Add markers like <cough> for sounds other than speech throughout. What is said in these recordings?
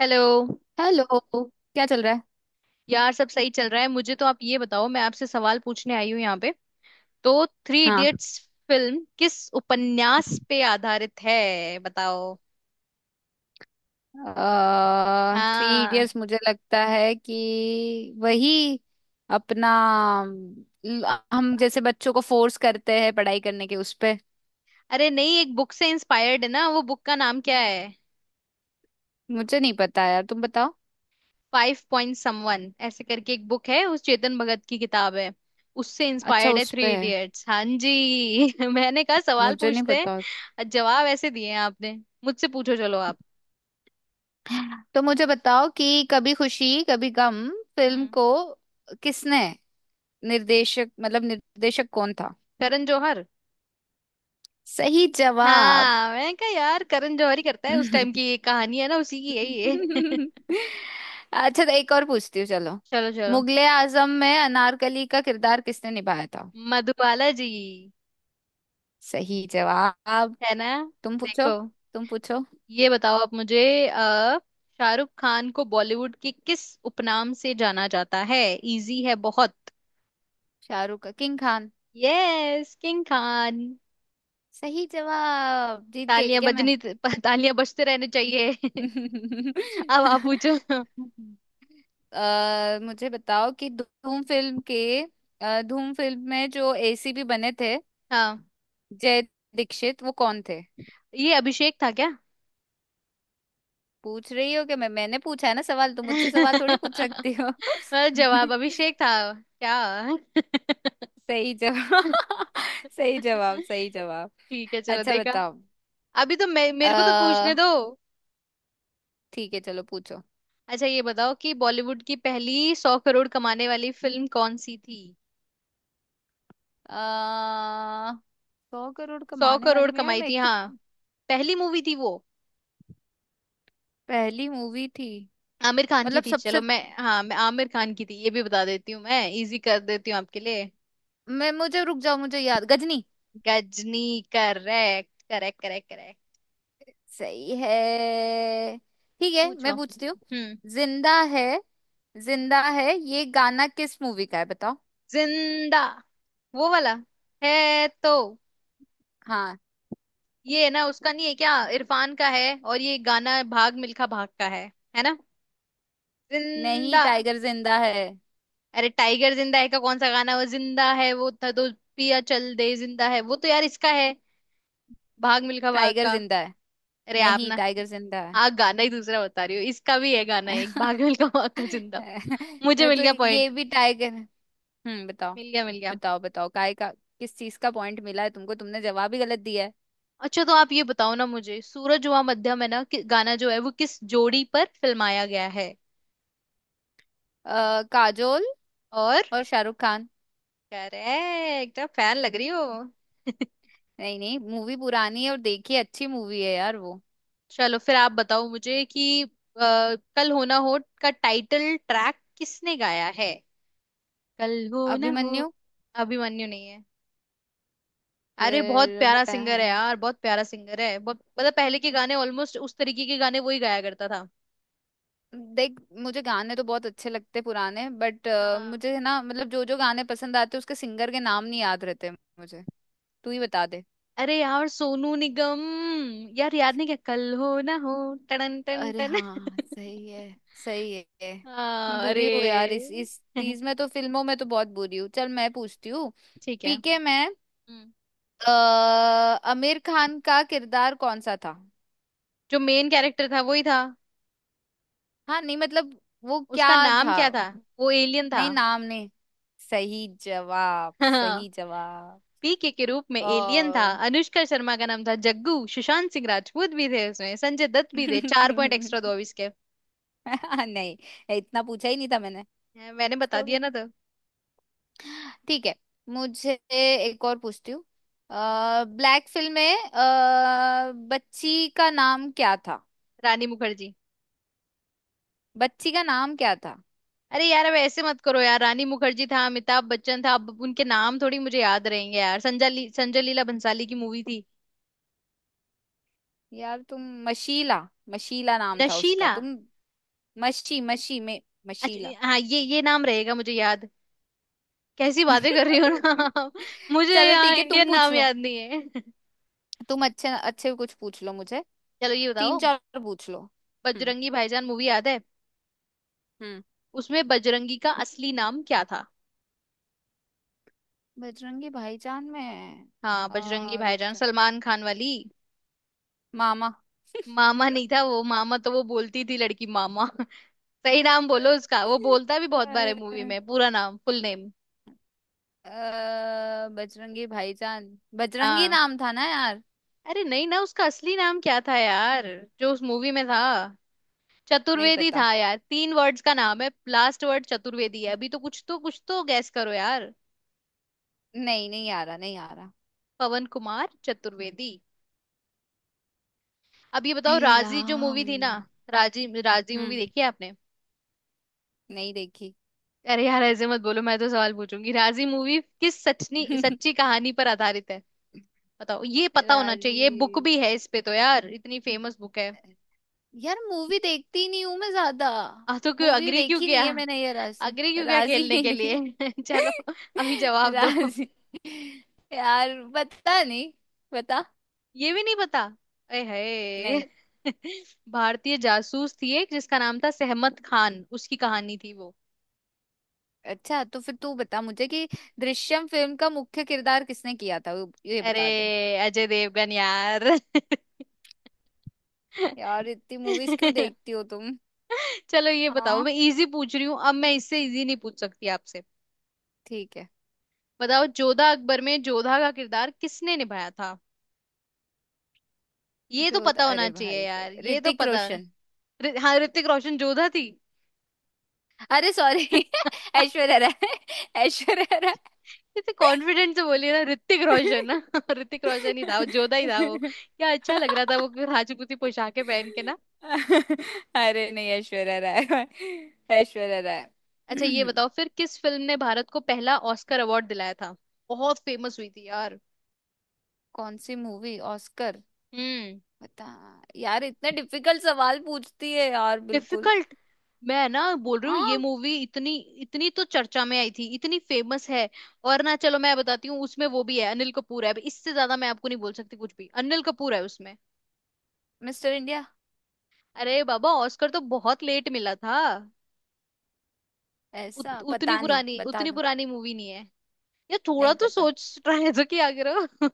Hello. Hello. क्या चल रहा है। यार सब सही चल रहा है। मुझे तो आप ये बताओ, मैं आपसे सवाल पूछने आई हूँ यहाँ पे। तो थ्री हाँ। इडियट्स फिल्म किस उपन्यास पे आधारित है बताओ। थ्री इडियट्स हाँ। मुझे लगता है कि वही अपना अब- हम जैसे बच्चों को फोर्स करते हैं पढ़ाई करने के उस पे। अरे नहीं, एक बुक से इंस्पायर्ड है ना, वो बुक का नाम क्या है? मुझे नहीं पता यार, तुम बताओ। फाइव पॉइंट समवन ऐसे करके एक बुक है, उस चेतन भगत की किताब है। उससे अच्छा, इंस्पायर्ड है उस पे थ्री है। इडियट्स। हाँ जी। <laughs> मैंने कहा सवाल मुझे नहीं पूछते पता। हैं, जवाब ऐसे दिए हैं आपने। मुझसे पूछो चलो आप। तो मुझे बताओ कि कभी खुशी कभी गम फिल्म हम्म। को किसने निर्देशक, मतलब, निर्देशक कौन था। करण जौहर। सही जवाब। हाँ मैंने कहा यार करण जौहर ही करता है, उस टाइम की <laughs> ये कहानी है ना, उसी की है ये। <laughs> अच्छा, तो एक और पूछती हूँ, चलो। चलो चलो। मुगले आजम में अनारकली का किरदार किसने निभाया था। मधुबाला जी। सही जवाब। है ना। तुम पूछो। देखो। तुम पूछो। ये बताओ आप मुझे। अ, शाहरुख खान को बॉलीवुड के किस उपनाम से जाना जाता है? इजी है बहुत। शाहरुख का King Khan. Yes, King Khan. सही जवाब। जीत गई तालियां क्या मैं? बजनी। <laughs> तालियां बजते रहने चाहिए। <laughs> अब आप पूछो। <laughs> मुझे बताओ कि धूम फिल्म में जो एसीपी बने थे, हाँ, जय दीक्षित वो कौन थे। ये अभिषेक था क्या? पूछ रही हो कि मैंने पूछा है ना सवाल, तुम मुझसे सवाल थोड़ी पूछ सकती <laughs> हो। मतलब जवाब <laughs> अभिषेक था क्या? <laughs> सही जवाब। <laughs> सही जवाब। सही जवाब। ठीक है चलो अच्छा, देखा। बताओ। अभी तो मे मेरे को तो पूछने अ दो। ठीक है, चलो, पूछो। अच्छा ये बताओ कि बॉलीवुड की पहली 100 करोड़ कमाने वाली फिल्म कौन सी थी? अ 100 करोड़ सौ कमाने करोड़ वाले में यार, कमाई मैं थी एक तो। हाँ। पहली मूवी थी वो। पहली मूवी थी। आमिर खान की मतलब, थी। सबसे। चलो मैं, हाँ, मैं आमिर खान की थी ये भी बता देती हूँ, मैं इजी कर देती हूँ आपके लिए। मैं मुझे रुक जाओ, मुझे याद, Ghajini. Ghajini. Correct, correct, correct, correct. सही है। ठीक है, पूछो मैं पूछती हूँ। हम्म। जिंदा है। जिंदा है ये गाना किस मूवी का है, बताओ। जिंदा वो वाला है तो। हाँ। ये है ना, उसका नहीं है क्या? इरफान का है, और ये गाना भाग मिल्खा भाग का है। है ना। नहीं, जिंदा। टाइगर जिंदा है। अरे टाइगर जिंदा है का कौन सा गाना है? वो जिंदा है वो था तो पिया चल दे। जिंदा है वो तो यार इसका है, भाग मिल्खा भाग टाइगर का। जिंदा है। अरे आप नहीं, ना, टाइगर जिंदा आप गाना ही दूसरा बता रही हो। इसका भी है गाना एक, भाग मिल्खा भाग है। <laughs> का, जिंदा। मुझे <laughs> मिल तो गया ये पॉइंट। भी ट्राई कर। हम्म, बताओ। मिल गया, मिल गया। बताओ, बताओ, काय का। किस चीज का पॉइंट मिला है तुमको? तुमने जवाब ही गलत दिया है। अच्छा तो आप ये बताओ ना मुझे, सूरज हुआ मध्यम, है ना कि गाना, जो है वो किस जोड़ी पर फिल्माया गया है? काजोल। और? और शाहरुख खान। करेक्ट। आप फैन लग रही हो। नहीं, नहीं, मूवी पुरानी है और देखी, अच्छी मूवी है यार वो। चलो फिर आप बताओ मुझे कि कल हो ना हो का टाइटल ट्रैक किसने गाया है? कल हो ना हो। अभिमन्यु। अभिमन्यु नहीं है। अरे बहुत फिर प्यारा बता। सिंगर है यार, बहुत प्यारा सिंगर है। बहुत मतलब पहले के गाने ऑलमोस्ट उस तरीके के गाने वही गाया करता था। देख, मुझे गाने तो बहुत अच्छे लगते पुराने, बट। हाँ। मुझे है ना, मतलब, जो जो गाने पसंद आते उसके सिंगर के नाम नहीं याद रहते मुझे। तू ही बता दे। अरे यार, सोनू निगम। यार याद नहीं क्या, कल हो ना हो। टन टन अरे टन। हाँ, सही <laughs> है। सही है। मैं हाँ अरे। बुरी हूँ यार, इस <laughs> चीज में तो, फिल्मों में तो बहुत बुरी हूँ। चल, मैं पूछती हूँ। ठीक है। पीके में हम्म। आमिर खान का किरदार कौन सा था। जो मेन कैरेक्टर था वही था। हाँ, नहीं मतलब, वो क्या उसका नाम था। क्या था? वो एलियन था। नहीं, नाम नहीं। सही जवाब। <laughs> हाँ, सही जवाब। पीके के रूप में एलियन था। ओ। अनुष्का शर्मा का नाम था जग्गू। सुशांत सिंह राजपूत भी थे उसमें, संजय दत्त भी थे। चार <laughs> पॉइंट एक्स्ट्रा दो अब इसके। नहीं, इतना पूछा ही नहीं था मैंने। मैंने बता तो दिया भी ना तो। ठीक है। मुझे एक और पूछती हूँ। ब्लैक फिल्म में बच्ची का नाम क्या था। रानी मुखर्जी। बच्ची का नाम क्या था। अरे यार अब ऐसे मत करो यार। रानी मुखर्जी था, अमिताभ बच्चन था, अब उनके नाम थोड़ी मुझे याद रहेंगे यार। संजय लीला भंसाली की मूवी थी। यार तुम। मशीला। मशीला नाम था उसका, नशीला। तुम। मशी मशी में मशीला। अच्छा हाँ, ये नाम रहेगा मुझे याद। कैसी बातें कर रही हो ना <laughs> आप? मुझे चलो यहाँ ठीक है, तुम इंडियन पूछ नाम लो। याद नहीं है। <laughs> तुम अच्छे अच्छे कुछ पूछ लो मुझे। चलो ये तीन बताओ, चार पूछ लो। हम्म। बजरंगी भाईजान मूवी याद है? हम्म। उसमें बजरंगी का असली नाम क्या था? बजरंगी भाईजान में। हाँ, बजरंगी रुक भाईजान, जा। सलमान खान वाली। मामा। मामा नहीं था वो, मामा तो वो बोलती थी लड़की, मामा। <laughs> सही नाम बोलो उसका। वो बोलता भी <laughs> बहुत बार है मूवी अ, में पूरा नाम, फुल नेम। बजरंगी भाईजान। बजरंगी हाँ। नाम था ना यार। अरे नहीं ना, उसका असली नाम क्या था यार, जो उस मूवी में था? नहीं चतुर्वेदी पता। था यार, तीन वर्ड्स का नाम है, लास्ट वर्ड चतुर्वेदी है। अभी तो कुछ तो कुछ तो गैस करो यार। नहीं, नहीं आ रहा, नहीं आ रहा। पवन कुमार चतुर्वेदी। अब ये हे बताओ, राजी जो राम। मूवी थी ना, राजी, राजी मूवी हम्म। देखी है आपने? नहीं देखी। अरे यार ऐसे मत बोलो, मैं तो सवाल पूछूंगी। राजी मूवी किस सचनी <laughs> सच्ची कहानी पर आधारित है बताओ? ये पता होना चाहिए, राजी। बुक भी है इस पे तो यार, इतनी फेमस बुक है। यार मूवी देखती नहीं हूँ मैं ज्यादा। आ तो क्यों मूवी अग्री क्यों देखी किया? नहीं है मैंने, ये राशि। अग्री क्यों किया राजी खेलने नहीं के देखी। लिए? <laughs> चलो अभी <laughs> जवाब दो। राजी। यार पता नहीं। बता। ये भी नहीं पता? ए नहीं। है। <laughs> भारतीय जासूस थी एक, जिसका नाम था सहमत खान, उसकी कहानी थी वो। अच्छा, तो फिर तू बता मुझे कि दृश्यम फिल्म का मुख्य किरदार किसने किया था, ये अरे बता दे। अजय देवगन यार। यार इतनी मूवीज क्यों <laughs> देखती हो तुम। चलो ये बताओ, हाँ, मैं इजी पूछ रही हूँ, अब मैं इससे इजी नहीं पूछ सकती आपसे। ठीक है। बताओ जोधा अकबर में जोधा का किरदार किसने निभाया था? ये तो जो पता होना अरे चाहिए भाई यार, साहब, ये तो ऋतिक पता होना। रोशन। हाँ ऋतिक रोशन जोधा थी। <laughs> अरे सॉरी, <laughs> ऐश्वर्या राय। ऐश्वर्या राय। इतने कॉन्फिडेंट से बोलिए ना, ऋतिक रोशन ना। <laughs> ऋतिक रोशन ही था वो, जोधा ही था वो, क्या अच्छा <laughs> लग रहा था वो फिर राजपूती पोशाकें पहन के ना। अरे नहीं, ऐश्वर्या राय। ऐश्वर्या राय। अच्छा ये <clears throat> बताओ फिर, किस फिल्म ने भारत को पहला ऑस्कर अवार्ड दिलाया था? बहुत फेमस हुई थी यार। कौन सी मूवी, ऑस्कर? हम्म। बता। यार इतने डिफिकल्ट सवाल पूछती है यार, बिल्कुल। डिफिकल्ट। मैं ना बोल रही हूँ, ये हाँ। मूवी इतनी, इतनी तो चर्चा में आई थी, इतनी फेमस है। और ना चलो मैं बताती हूँ, उसमें वो भी है, अनिल कपूर है, अब इससे ज्यादा मैं आपको नहीं बोल सकती कुछ भी। अनिल कपूर है उसमें। Mister India. अरे बाबा, ऑस्कर तो बहुत लेट मिला था। ऐसा उतनी पता नहीं, पुरानी, बता। उतनी पुरानी मूवी नहीं है ये। थोड़ा नहीं तो पता। सोच रहे तो क्या करो।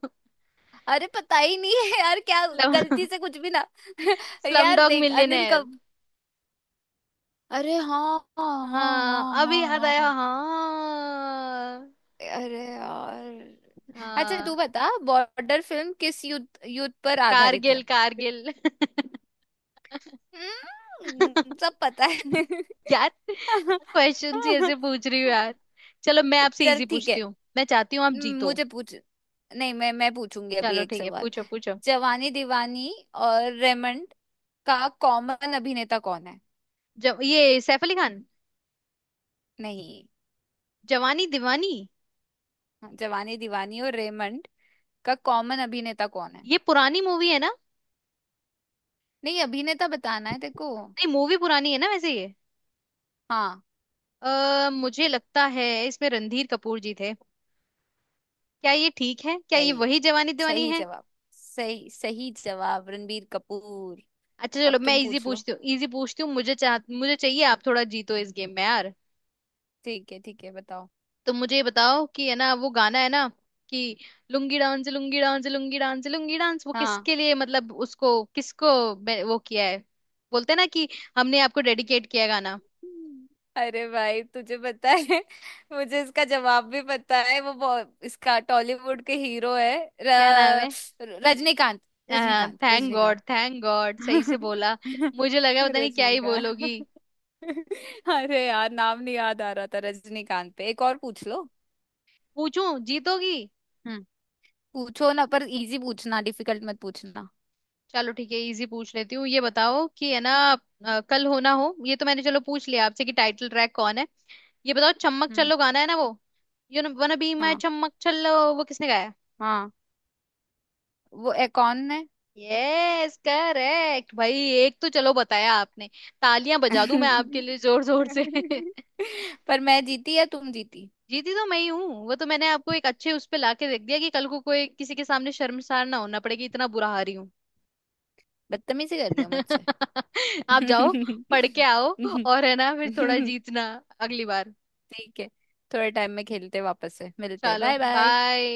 अरे, पता ही नहीं है यार क्या। गलती से कुछ भी ना। <laughs> <laughs> स्लम यार डॉग देख, अनिल मिलियनेयर। कब। अरे हाँ, <laughs> हाँ, हाँ, हाँ, अभी हाँ। याद हाँ, आया। हाँ। हाँ अरे यार। अच्छा, तू हाँ। बता बॉर्डर फिल्म किस युद्ध युद्ध पर आधारित कारगिल, है। कारगिल। <laughs> सब पता है। यार क्वेश्चन ही ऐसे पूछ रही हूँ यार। चलो मैं <laughs> आपसे चल, इजी ठीक पूछती है। हूँ, मैं चाहती हूँ आप जीतो। मुझे पूछ। नहीं, मैं पूछूंगी अभी चलो एक ठीक है, सवाल। पूछो पूछो। जवानी दीवानी और रेमंड का कॉमन अभिनेता कौन है। जब ये सैफ अली खान। नहीं। जवानी दीवानी। जवानी दीवानी और रेमंड का कॉमन अभिनेता कौन है। ये पुरानी मूवी है ना। नहीं, अभिनेता बताना है तेरे को। नहीं मूवी पुरानी है ना वैसे ये। हाँ। आ, मुझे लगता है इसमें रणधीर कपूर जी थे। क्या ये ठीक है? क्या ये सही है। वही जवानी दीवानी सही है? जवाब। सही, सही जवाब। रणबीर कपूर। अच्छा चलो अब मैं तुम इजी पूछ लो। पूछती हूँ, इजी पूछती हूँ, मुझे चाह, मुझे चाहिए आप थोड़ा जीतो इस गेम में यार। ठीक है, ठीक है, बताओ। तो मुझे ये बताओ कि, है ना वो गाना है ना कि, lungi dance lungi dance lungi dance lungi dance, वो हाँ। किसके लिए, मतलब उसको किसको वो किया है, बोलते हैं ना कि हमने आपको डेडिकेट किया है गाना। अरे भाई तुझे पता है, <laughs> मुझे इसका जवाब भी पता है, इसका टॉलीवुड के हीरो है। र, क्या नाम है? Rajinikanth. Rajinikanth. Thank God, Rajinikanth. Thank God सही से बोला। मुझे लगा <laughs> पता नहीं क्या ही बोलोगी। रजनीकांत। अरे यार, नाम नहीं याद आ रहा था। रजनीकांत पे एक और पूछ लो। पूछूं जीतोगी? हम्म। पूछो ना, पर इजी पूछना, डिफिकल्ट मत पूछना। चलो ठीक है इजी पूछ लेती हूँ। ये बताओ कि, है ना, कल हो ना हो ये तो मैंने, चलो पूछ लिया आपसे कि टाइटल ट्रैक कौन है। ये बताओ चम्मक हम्म। चलो गाना है ना वो, you know wanna be my हाँ, चम्मक चलो, वो किसने गाया? हाँ। वो कौन है? यस करेक्ट भाई। एक तो चलो बताया आपने। तालियां बजा दूं मैं आपके <laughs> लिए जोर जोर से। <laughs> पर मैं जीती या तुम जीती? जीती तो मैं ही हूँ। वो तो मैंने आपको एक अच्छे उस पे लाके देख दिया कि कल को कोई किसी के सामने शर्मसार ना होना पड़ेगी इतना बुरा हारी हूँ। बदतमीजी कर रही हो मुझसे। <laughs> आप जाओ <laughs> पढ़ के आओ, और है ना फिर थोड़ा जीतना अगली बार। ठीक है, थोड़े टाइम में खेलते हैं वापस से। मिलते हैं। चलो बाय बाय। बाय।